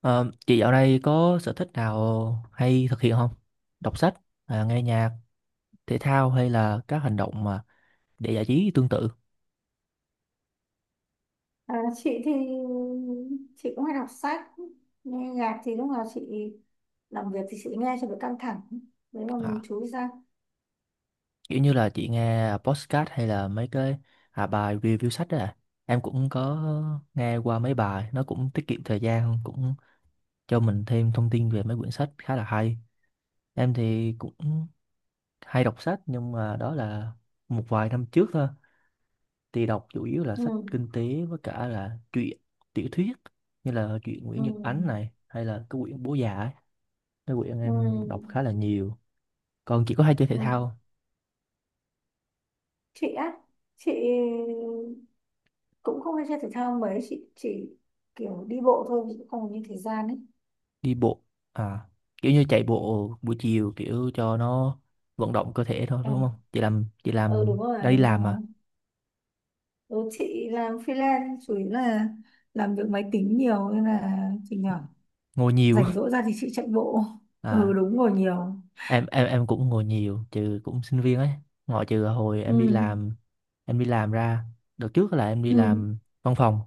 Ờ, chị dạo này có sở thích nào hay thực hiện không? Đọc sách, nghe nhạc, thể thao hay là các hành động mà để giải trí tương tự? À, chị thì chị cũng hay đọc sách, nghe nhạc thì lúc nào chị làm việc thì chị nghe cho đỡ căng thẳng đấy mà mình À, chú ý ra. Kiểu như là chị nghe podcast hay là mấy cái bài review sách đó à. Em cũng có nghe qua mấy bài, nó cũng tiết kiệm thời gian, cũng cho mình thêm thông tin về mấy quyển sách khá là hay. Em thì cũng hay đọc sách nhưng mà đó là một vài năm trước thôi, thì đọc chủ yếu là sách Ừ, kinh tế với cả là truyện tiểu thuyết như là truyện ừ, Nguyễn Nhật Ánh này hay là cái quyển Bố Già ấy, cái quyển em đọc ừ, khá là nhiều. Còn chỉ có hay chơi thể ừ. thao không? Chị á chị cũng không hay chơi thể thao mấy, chị chỉ kiểu đi bộ thôi, chị cũng không có nhiều thời gian ấy. Đi bộ à, kiểu như chạy bộ buổi chiều kiểu cho nó vận động cơ thể thôi Ừ. đúng không, chị làm chị Ừ, đúng làm rồi, đã đi đúng rồi. làm mà Ừ, chị làm freelance chủ yếu là làm việc máy tính nhiều nên là chị nhỏ ngồi nhiều. rảnh rỗi ra thì chị chạy bộ. Ừ, À, đúng rồi, nhiều. em cũng ngồi nhiều trừ cũng sinh viên ấy, ngoại trừ hồi Ừ, em đi làm, em đi làm ra, đợt trước là em đi ừ, làm văn phòng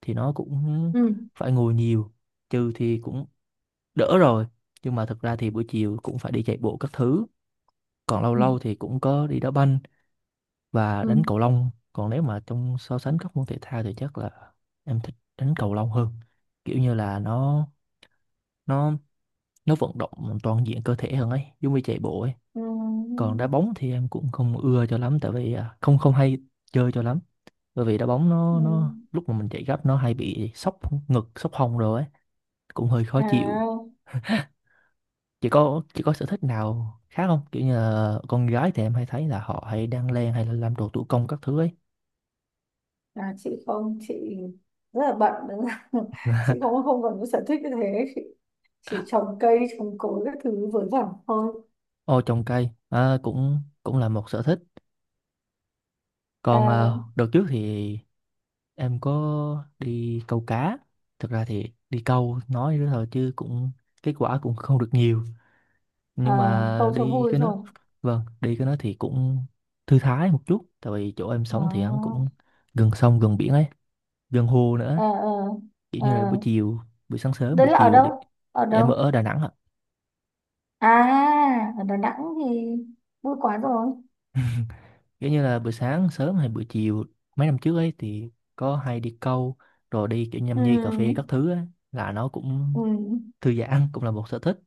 thì nó cũng ừ, phải ngồi nhiều, trừ thì cũng đỡ rồi. Nhưng mà thực ra thì buổi chiều cũng phải đi chạy bộ các thứ, còn lâu ừ, lâu thì cũng có đi đá banh và ừ, đánh cầu lông. Còn nếu mà trong so sánh các môn thể thao thì chắc là em thích đánh cầu lông hơn, kiểu như là nó nó vận động toàn diện cơ thể hơn ấy, giống như chạy bộ ấy. ừ, Còn đá bóng thì em cũng không ưa cho lắm tại vì không không hay chơi cho lắm, bởi vì đá bóng ừ. nó lúc mà mình chạy gấp nó hay bị sốc ngực sốc hông rồi ấy, cũng hơi khó chịu. À, Chị có sở thích nào khác không, kiểu như là con gái thì em hay thấy là họ hay đan len hay là làm đồ thủ công các thứ ấy? à, chị không, chị rất là bận đúng không? Chị không không còn có sở thích như thế, chị chỉ trồng cây trồng cối các thứ vớ vẩn thôi. Ô, trồng cây à, cũng cũng là một sở thích. Còn À, đợt trước thì em có đi câu cá, thực ra thì đi câu nói nữa thôi chứ cũng kết quả cũng không được nhiều, nhưng à, mà câu cho đi vui cái thôi. nó, vâng, đi cái nó thì cũng thư thái một chút tại vì chỗ em sống thì hắn À, cũng gần sông gần biển ấy, gần hồ à, nữa, kiểu à, như là buổi à. chiều, buổi sáng sớm Đấy buổi là ở chiều đi. đâu, ở Dạ em đâu? ở Đà Nẵng ạ. À, ở Đà Nẵng thì vui quá rồi. Kiểu như là buổi sáng sớm hay buổi chiều mấy năm trước ấy thì có hay đi câu, rồi đi kiểu nhâm nhi cà phê Ừ, các thứ ấy, là nó cũng ừ, thư giãn, cũng là một sở thích.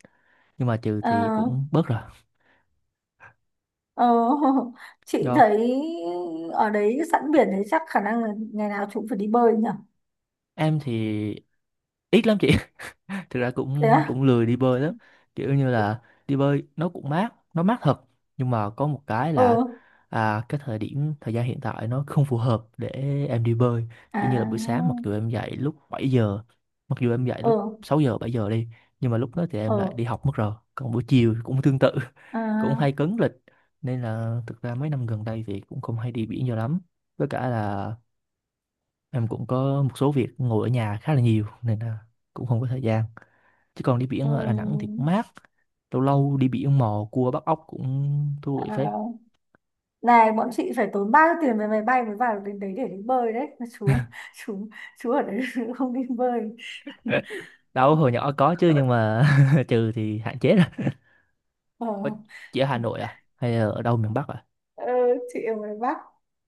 Nhưng mà trừ thì ờ. cũng bớt rồi Ờ, chị do thấy ở đấy sẵn biển đấy, chắc khả năng là ngày nào chị cũng phải đi bơi nhỉ? em thì ít lắm chị, thực ra Thế cũng á? cũng lười đi bơi lắm, kiểu như là đi bơi nó cũng mát, nó mát thật, nhưng mà có một cái Ờ, là cái thời điểm thời gian hiện tại nó không phù hợp để em đi bơi, kiểu như là buổi sáng mặc à, dù em dậy lúc 7 giờ, mặc dù em dậy ờ, lúc 6 giờ 7 giờ đi, nhưng mà lúc đó thì ờ, em lại đi học mất rồi, còn buổi chiều cũng tương tự. Cũng à, hay cấn lịch, nên là thực ra mấy năm gần đây thì cũng không hay đi biển nhiều lắm, với cả là em cũng có một số việc ngồi ở nhà khá là nhiều nên là cũng không có thời gian, chứ còn đi biển ở Đà Nẵng thì ừm, cũng mát, lâu lâu đi biển mò cua bắt ốc cũng thú vị phết. à. Này, bọn chị phải tốn bao nhiêu tiền về máy bay mới vào đến đấy để đi bơi đấy mà chú. chú chú ở đấy không đi bơi. Đâu, hồi nhỏ có chứ, nhưng mà trừ thì hạn chế rồi. ờ Ủa, chị ở Hà Nội à hay là ở đâu miền Bắc à? ờ, chị ở ngoài Bắc.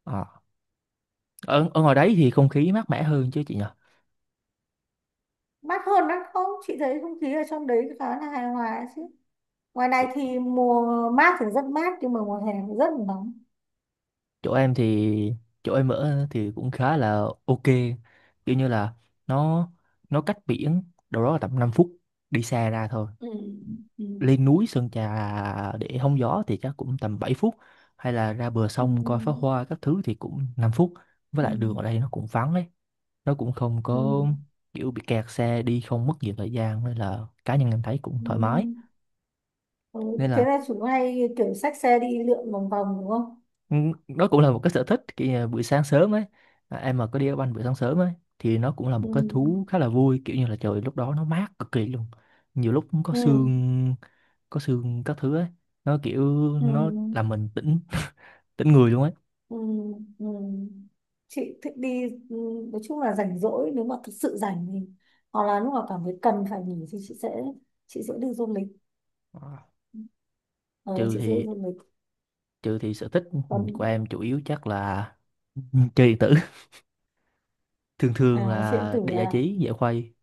Ờ. Ở, ở ngoài đấy thì không khí mát mẻ hơn chứ chị nhỉ? Mát hơn lắm không, chị thấy không khí ở trong đấy khá là hài hòa chứ, ngoài này chỗ, thì mùa mát thì rất mát nhưng mà mùa hè thì rất là nóng. chỗ em thì, chỗ em ở thì cũng khá là ok, kiểu như là nó nó cách biển đâu đó là tầm 5 phút đi xe ra thôi, Ừ, ừ, lên núi Sơn Trà để hóng gió thì chắc cũng tầm 7 phút, hay là ra bờ sông coi pháo ừ, hoa các thứ thì cũng 5 phút. Với ừ, lại đường ở đây nó cũng vắng ấy, nó cũng không ừ, có kiểu bị kẹt xe đi không mất nhiều thời gian, nên là cá nhân em thấy cũng ừ. thoải mái. Ừ, Nên thế là là chúng hay kiểu xách xe đi lượn vòng vòng đúng không? ừ, đó cũng là một cái sở thích, kiểu như là buổi sáng sớm ấy, em mà có đi đá banh buổi sáng sớm ấy thì nó cũng là một cái thú Ừ, khá là vui, kiểu như là trời lúc đó nó mát cực kỳ luôn, nhiều lúc cũng có ừ, sương, có sương các thứ ấy, nó kiểu nó làm ừ, mình tỉnh tính người luôn ấy. ừ, ừ, chị thích đi. Ừ, nói chung là rảnh rỗi nếu mà thực sự rảnh thì hoặc là lúc nào cảm thấy cần phải nghỉ thì chị sẽ đi du lịch. Ờ, Ờ, trừ chị sẽ đi thì du lịch trừ thì sở thích còn của em chủ yếu chắc là chơi điện tử. Thường à, thường chuyện điện là tử để giải à? trí giải khuây,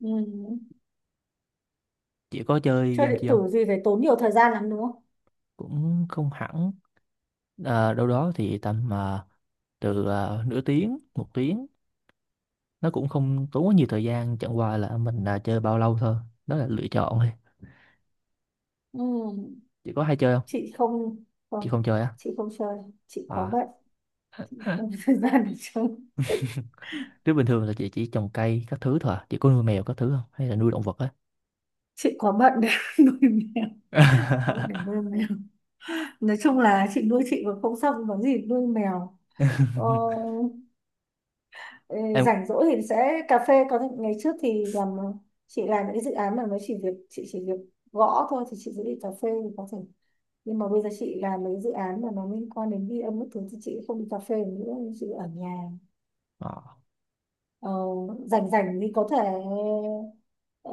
Ừ. chỉ có chơi Chơi game điện chi không? tử gì phải tốn nhiều thời gian lắm đúng không? Cũng không hẳn, đâu đó thì tầm mà từ nửa tiếng một tiếng, nó cũng không tốn quá nhiều thời gian, chẳng qua là mình chơi bao lâu thôi, đó là lựa chọn thôi. Ừ, Chị có hay chơi không? chị không Chị không không chơi á? chị không chơi Chị quá À, bận, không có thời gian để chơi. chứ bình thường là chị chỉ trồng cây các thứ thôi à? Chị có nuôi mèo các thứ không hay là nuôi động vật á? Chị quá bận để nuôi mèo, quá bận để nuôi mèo. Nói chung là chị nuôi chị còn không xong, có gì nuôi mèo. Ờ, ê, Em rảnh rỗi thì sẽ cà phê, có những ngày trước thì làm, chị làm những cái dự án mà mới chỉ việc, chị chỉ việc gõ thôi thì chị sẽ đi cà phê thì có thể, nhưng mà bây giờ chị làm mấy dự án mà nó liên quan đến ghi âm các thứ thì chị không đi cà phê nữa, chị ở nhà. ờ. Ờ, rảnh rảnh thì có thể ờ,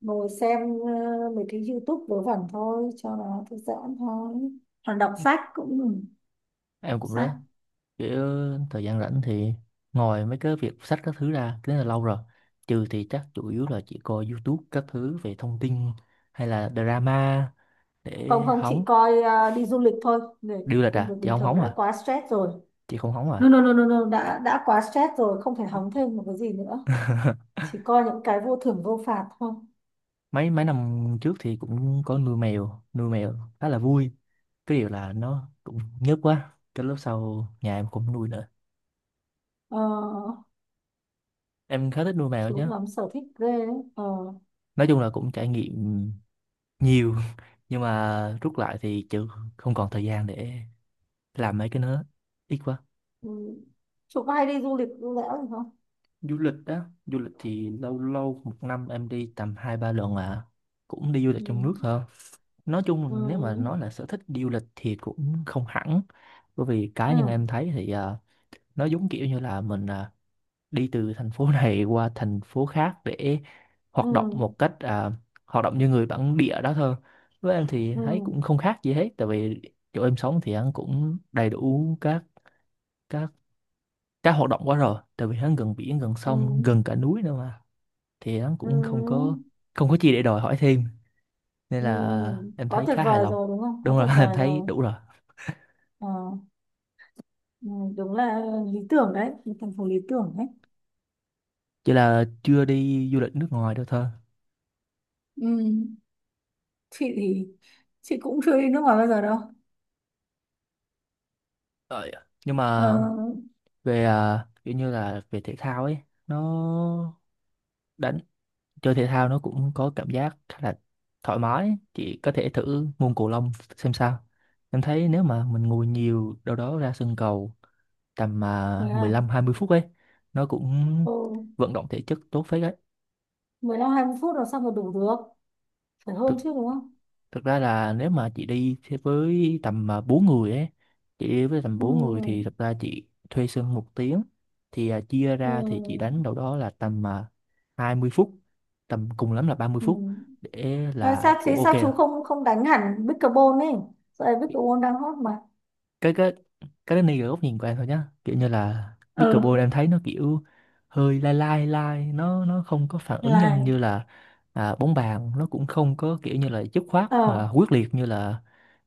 ngồi xem mấy cái YouTube vớ vẩn thôi cho nó thư giãn thôi, còn đọc sách cũng, ừ, Em cũng thế, sách. kiểu thời gian rảnh thì ngồi mấy cái việc sách các thứ ra, cái đó là lâu rồi. Trừ thì chắc chủ yếu là chỉ coi YouTube các thứ về thông tin hay là drama để Không, không, chị hóng. coi đi du lịch thôi. Người, Điêu lịch công việc à, chị bình không thường hóng đã à? quá stress rồi. Chị không hóng No, à? no, no, no, no. Đã quá stress rồi, không thể hóng thêm một cái gì nữa, chỉ coi những cái vô thưởng vô phạt thôi. mấy mấy năm trước thì cũng có nuôi mèo, nuôi mèo khá là vui, cái điều là nó cũng nhớt quá, cái lúc sau nhà em cũng nuôi nữa, Ờ, em khá thích nuôi mèo chú chứ. lắm sở thích ghê đấy. Ờ, Nói chung là cũng trải nghiệm nhiều, nhưng mà rút lại thì chứ không còn thời gian để làm mấy cái nữa, ít quá. ừ. Chú có hay đi du lịch du lẽo gì không? Du lịch á? Du lịch thì lâu lâu một năm em đi tầm 2 3 lần à, cũng đi du Ừ. lịch trong nước thôi. Nói Ừ. chung nếu mà nói là sở thích đi du lịch thì cũng không hẳn, bởi vì cá nhân Ừ. em thấy thì nó giống kiểu như là mình đi từ thành phố này qua thành phố khác để Ừ. hoạt động một cách hoạt động như người bản địa đó thôi. Với em thì Ừ, thấy cũng không khác gì hết, tại vì chỗ em sống thì ăn cũng đầy đủ các Cá hoạt động quá rồi, tại vì hắn gần biển gần ừ, sông gần cả núi nữa mà, thì hắn cũng không ừ, có, không có gì để đòi hỏi thêm, nên ừ, là em quá thấy tuyệt khá hài vời lòng. rồi đúng không, quá Đúng rồi, tuyệt em vời thấy rồi. đủ rồi, Ờ, ừ, đúng là lý tưởng đấy, một thành phố lý tưởng đấy. chỉ là chưa đi du lịch nước ngoài đâu thôi. Ừ, chị thì chị cũng chưa đi nước ngoài bao giờ đâu. Ờ, dạ. Nhưng Ờ, mà về kiểu như là về thể thao ấy, nó đánh chơi thể thao nó cũng có cảm giác khá là thoải mái, chị có thể thử môn cầu lông xem sao. Em thấy nếu mà mình ngồi nhiều đâu đó ra sân cầu tầm thế mười à? lăm hai mươi phút ấy, nó cũng Ừ, vận động thể chất tốt phết đấy. 15-20 phút là sao mà đủ được, phải hơn thực, chứ đúng không? Thực ra là nếu mà chị đi thế với tầm 4 người ấy, chị đi với tầm Ừ, 4 người thì thực ra chị thuê sân 1 tiếng, thì chia ra thì chị ừ, đánh đâu đó là tầm 20 phút, tầm cùng lắm là ba mươi ừ. phút để À, là sao thế, cũng ok sao rồi. chú không không đánh hẳn pickleball ấy, giờ pickleball đang hot mà. Cái cái cái đó này góc nhìn của em thôi nhá, kiểu như là pickleball Ừ, em thấy nó kiểu hơi lai lai lai, nó không có phản ứng nhanh là, như là bóng bàn, nó cũng không có kiểu như là dứt khoát ờ, quyết liệt như là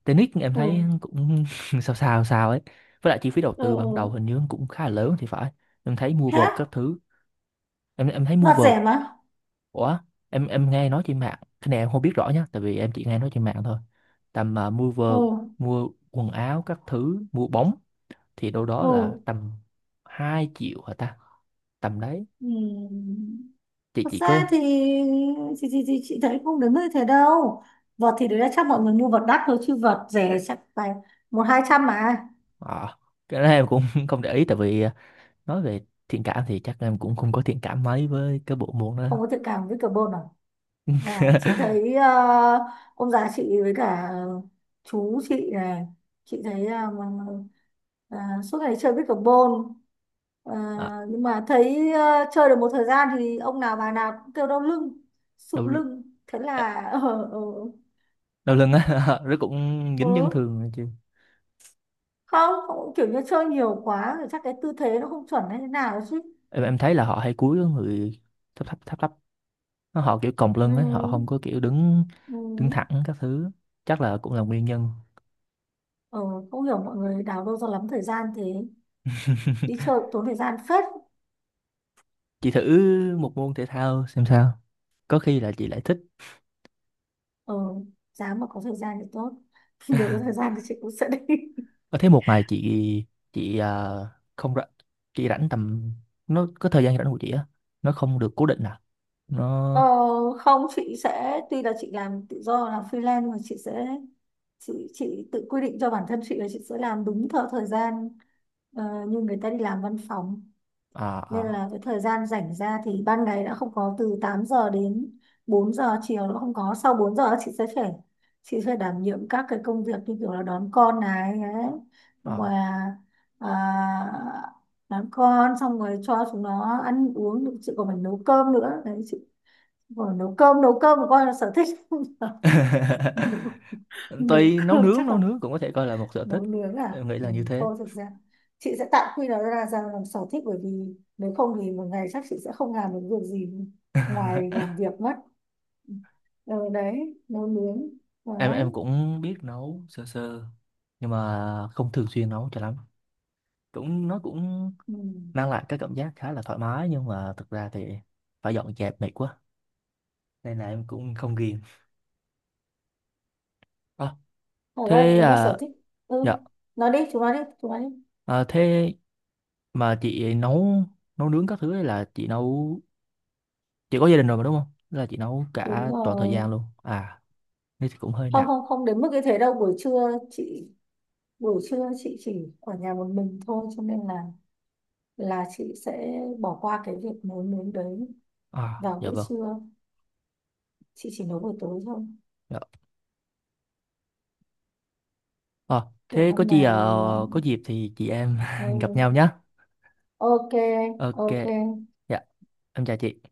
tennis, em ừ, thấy cũng sao sao sao ấy. Với lại chi phí đầu ừ, tư ban đầu ừ. hình như cũng khá là lớn thì phải, em thấy mua Thế vợt á? các thứ, em thấy mua Vặt vợt rẻ mà. ủa, em nghe nói trên mạng, cái này em không biết rõ nhá tại vì em chỉ nghe nói trên mạng thôi, tầm mua Ồ, vợt, mua quần áo các thứ, mua bóng thì đâu đó ồ. là tầm 2 triệu hả ta, tầm đấy. Ừm. Thật Chị ra có thì chị thấy không đến nơi thế đâu. Vật thì đấy là chắc mọi người mua vật đắt thôi chứ vật rẻ chắc phải một hai trăm mà. ờ, cái đó em cũng không để ý tại vì nói về thiện cảm thì chắc em cũng không có thiện cảm mấy với cái bộ môn đó. Không có thiện cảm với carbon à? À, chị thấy ông già chị với cả chú chị này, chị thấy suốt ngày chơi với carbon. Ờ, À, nhưng mà thấy chơi được một thời gian thì ông nào bà nào cũng kêu đau lưng, đau, sụn l- lưng, thế là ờ đau lưng á, nó cũng ờ dính chấn thương nữa chứ. không, không kiểu như chơi nhiều quá rồi chắc cái tư thế nó không chuẩn hay thế nào chứ. Em thấy là họ hay cúi người thấp thấp thấp thấp, nó họ kiểu còng Ừ, lưng ấy, họ không có kiểu đứng ừ, đứng thẳng các thứ, chắc là cũng là nguyên nhân. ờ, không hiểu mọi người đào đâu ra lắm thời gian thế, đi chơi cũng tốn thời gian phết. Chị thử một môn thể thao xem sao, có khi là chị lại thích. Ờ, dám mà có thời gian thì tốt. Nếu có thời gian thì chị cũng sẽ đi. Ờ, thế một ngày chị, chị à, không rảnh, chị rảnh tầm, nó có thời gian rảnh của chị á, nó không được cố định à, Ờ, nó không chị sẽ, tuy là chị làm tự do làm freelance nhưng mà chị sẽ chị tự quy định cho bản thân chị là chị sẽ làm đúng theo thời gian, ờ, như người ta đi làm văn phòng, à nên là à cái thời gian rảnh ra thì ban ngày đã không có, từ 8 giờ đến 4 giờ chiều nó không có, sau 4 giờ chị sẽ đảm nhiệm các cái công việc như kiểu là đón con này ấy, hoặc à. là à, đón con xong rồi cho chúng nó ăn uống, chị còn phải nấu cơm nữa đấy chị. Vừa nấu cơm, nấu cơm của con là sở thích không? nấu, nấu Tuy nấu cơm nướng, chắc nấu là nướng cũng có thể coi là một sở nấu thích, nướng à. em nghĩ Ừ, là như thế. thôi thực ra chị sẽ tạm quy nó ra ra làm sở thích bởi vì nếu không thì một ngày chắc chị sẽ không làm được việc gì ngoài làm việc mất. Ừ, đấy nấu nướng Em đấy. cũng biết nấu sơ sơ nhưng mà không thường xuyên nấu cho lắm, cũng nó cũng Ừ. mang lại cái cảm giác khá là thoải mái, nhưng mà thực ra thì phải dọn dẹp mệt quá nên là em cũng không ghiền. Ờ, Thật ra thế nếu mà à, sở thích, dạ, ừ, nói đi chúng nó đi, chúng nó đi. à, thế mà chị nấu, nấu nướng các thứ ấy là chị nấu, chị có gia đình rồi mà đúng không? Tức là chị nấu Đúng cả toàn thời rồi, gian luôn à? Thế thì cũng hơi không, nặng. không, không đến mức như thế đâu, buổi trưa chị chỉ ở nhà một mình thôi cho nên là chị sẽ bỏ qua cái việc nấu nướng đấy À vào dạ bữa vâng. trưa, chị chỉ nấu buổi tối thôi Dạ. Ờ, kiểu thế có hôm gì nào mà. có dịp thì chị em gặp Ừ. nhau nhá. Ok, Ok. ok. Dạ, em chào chị.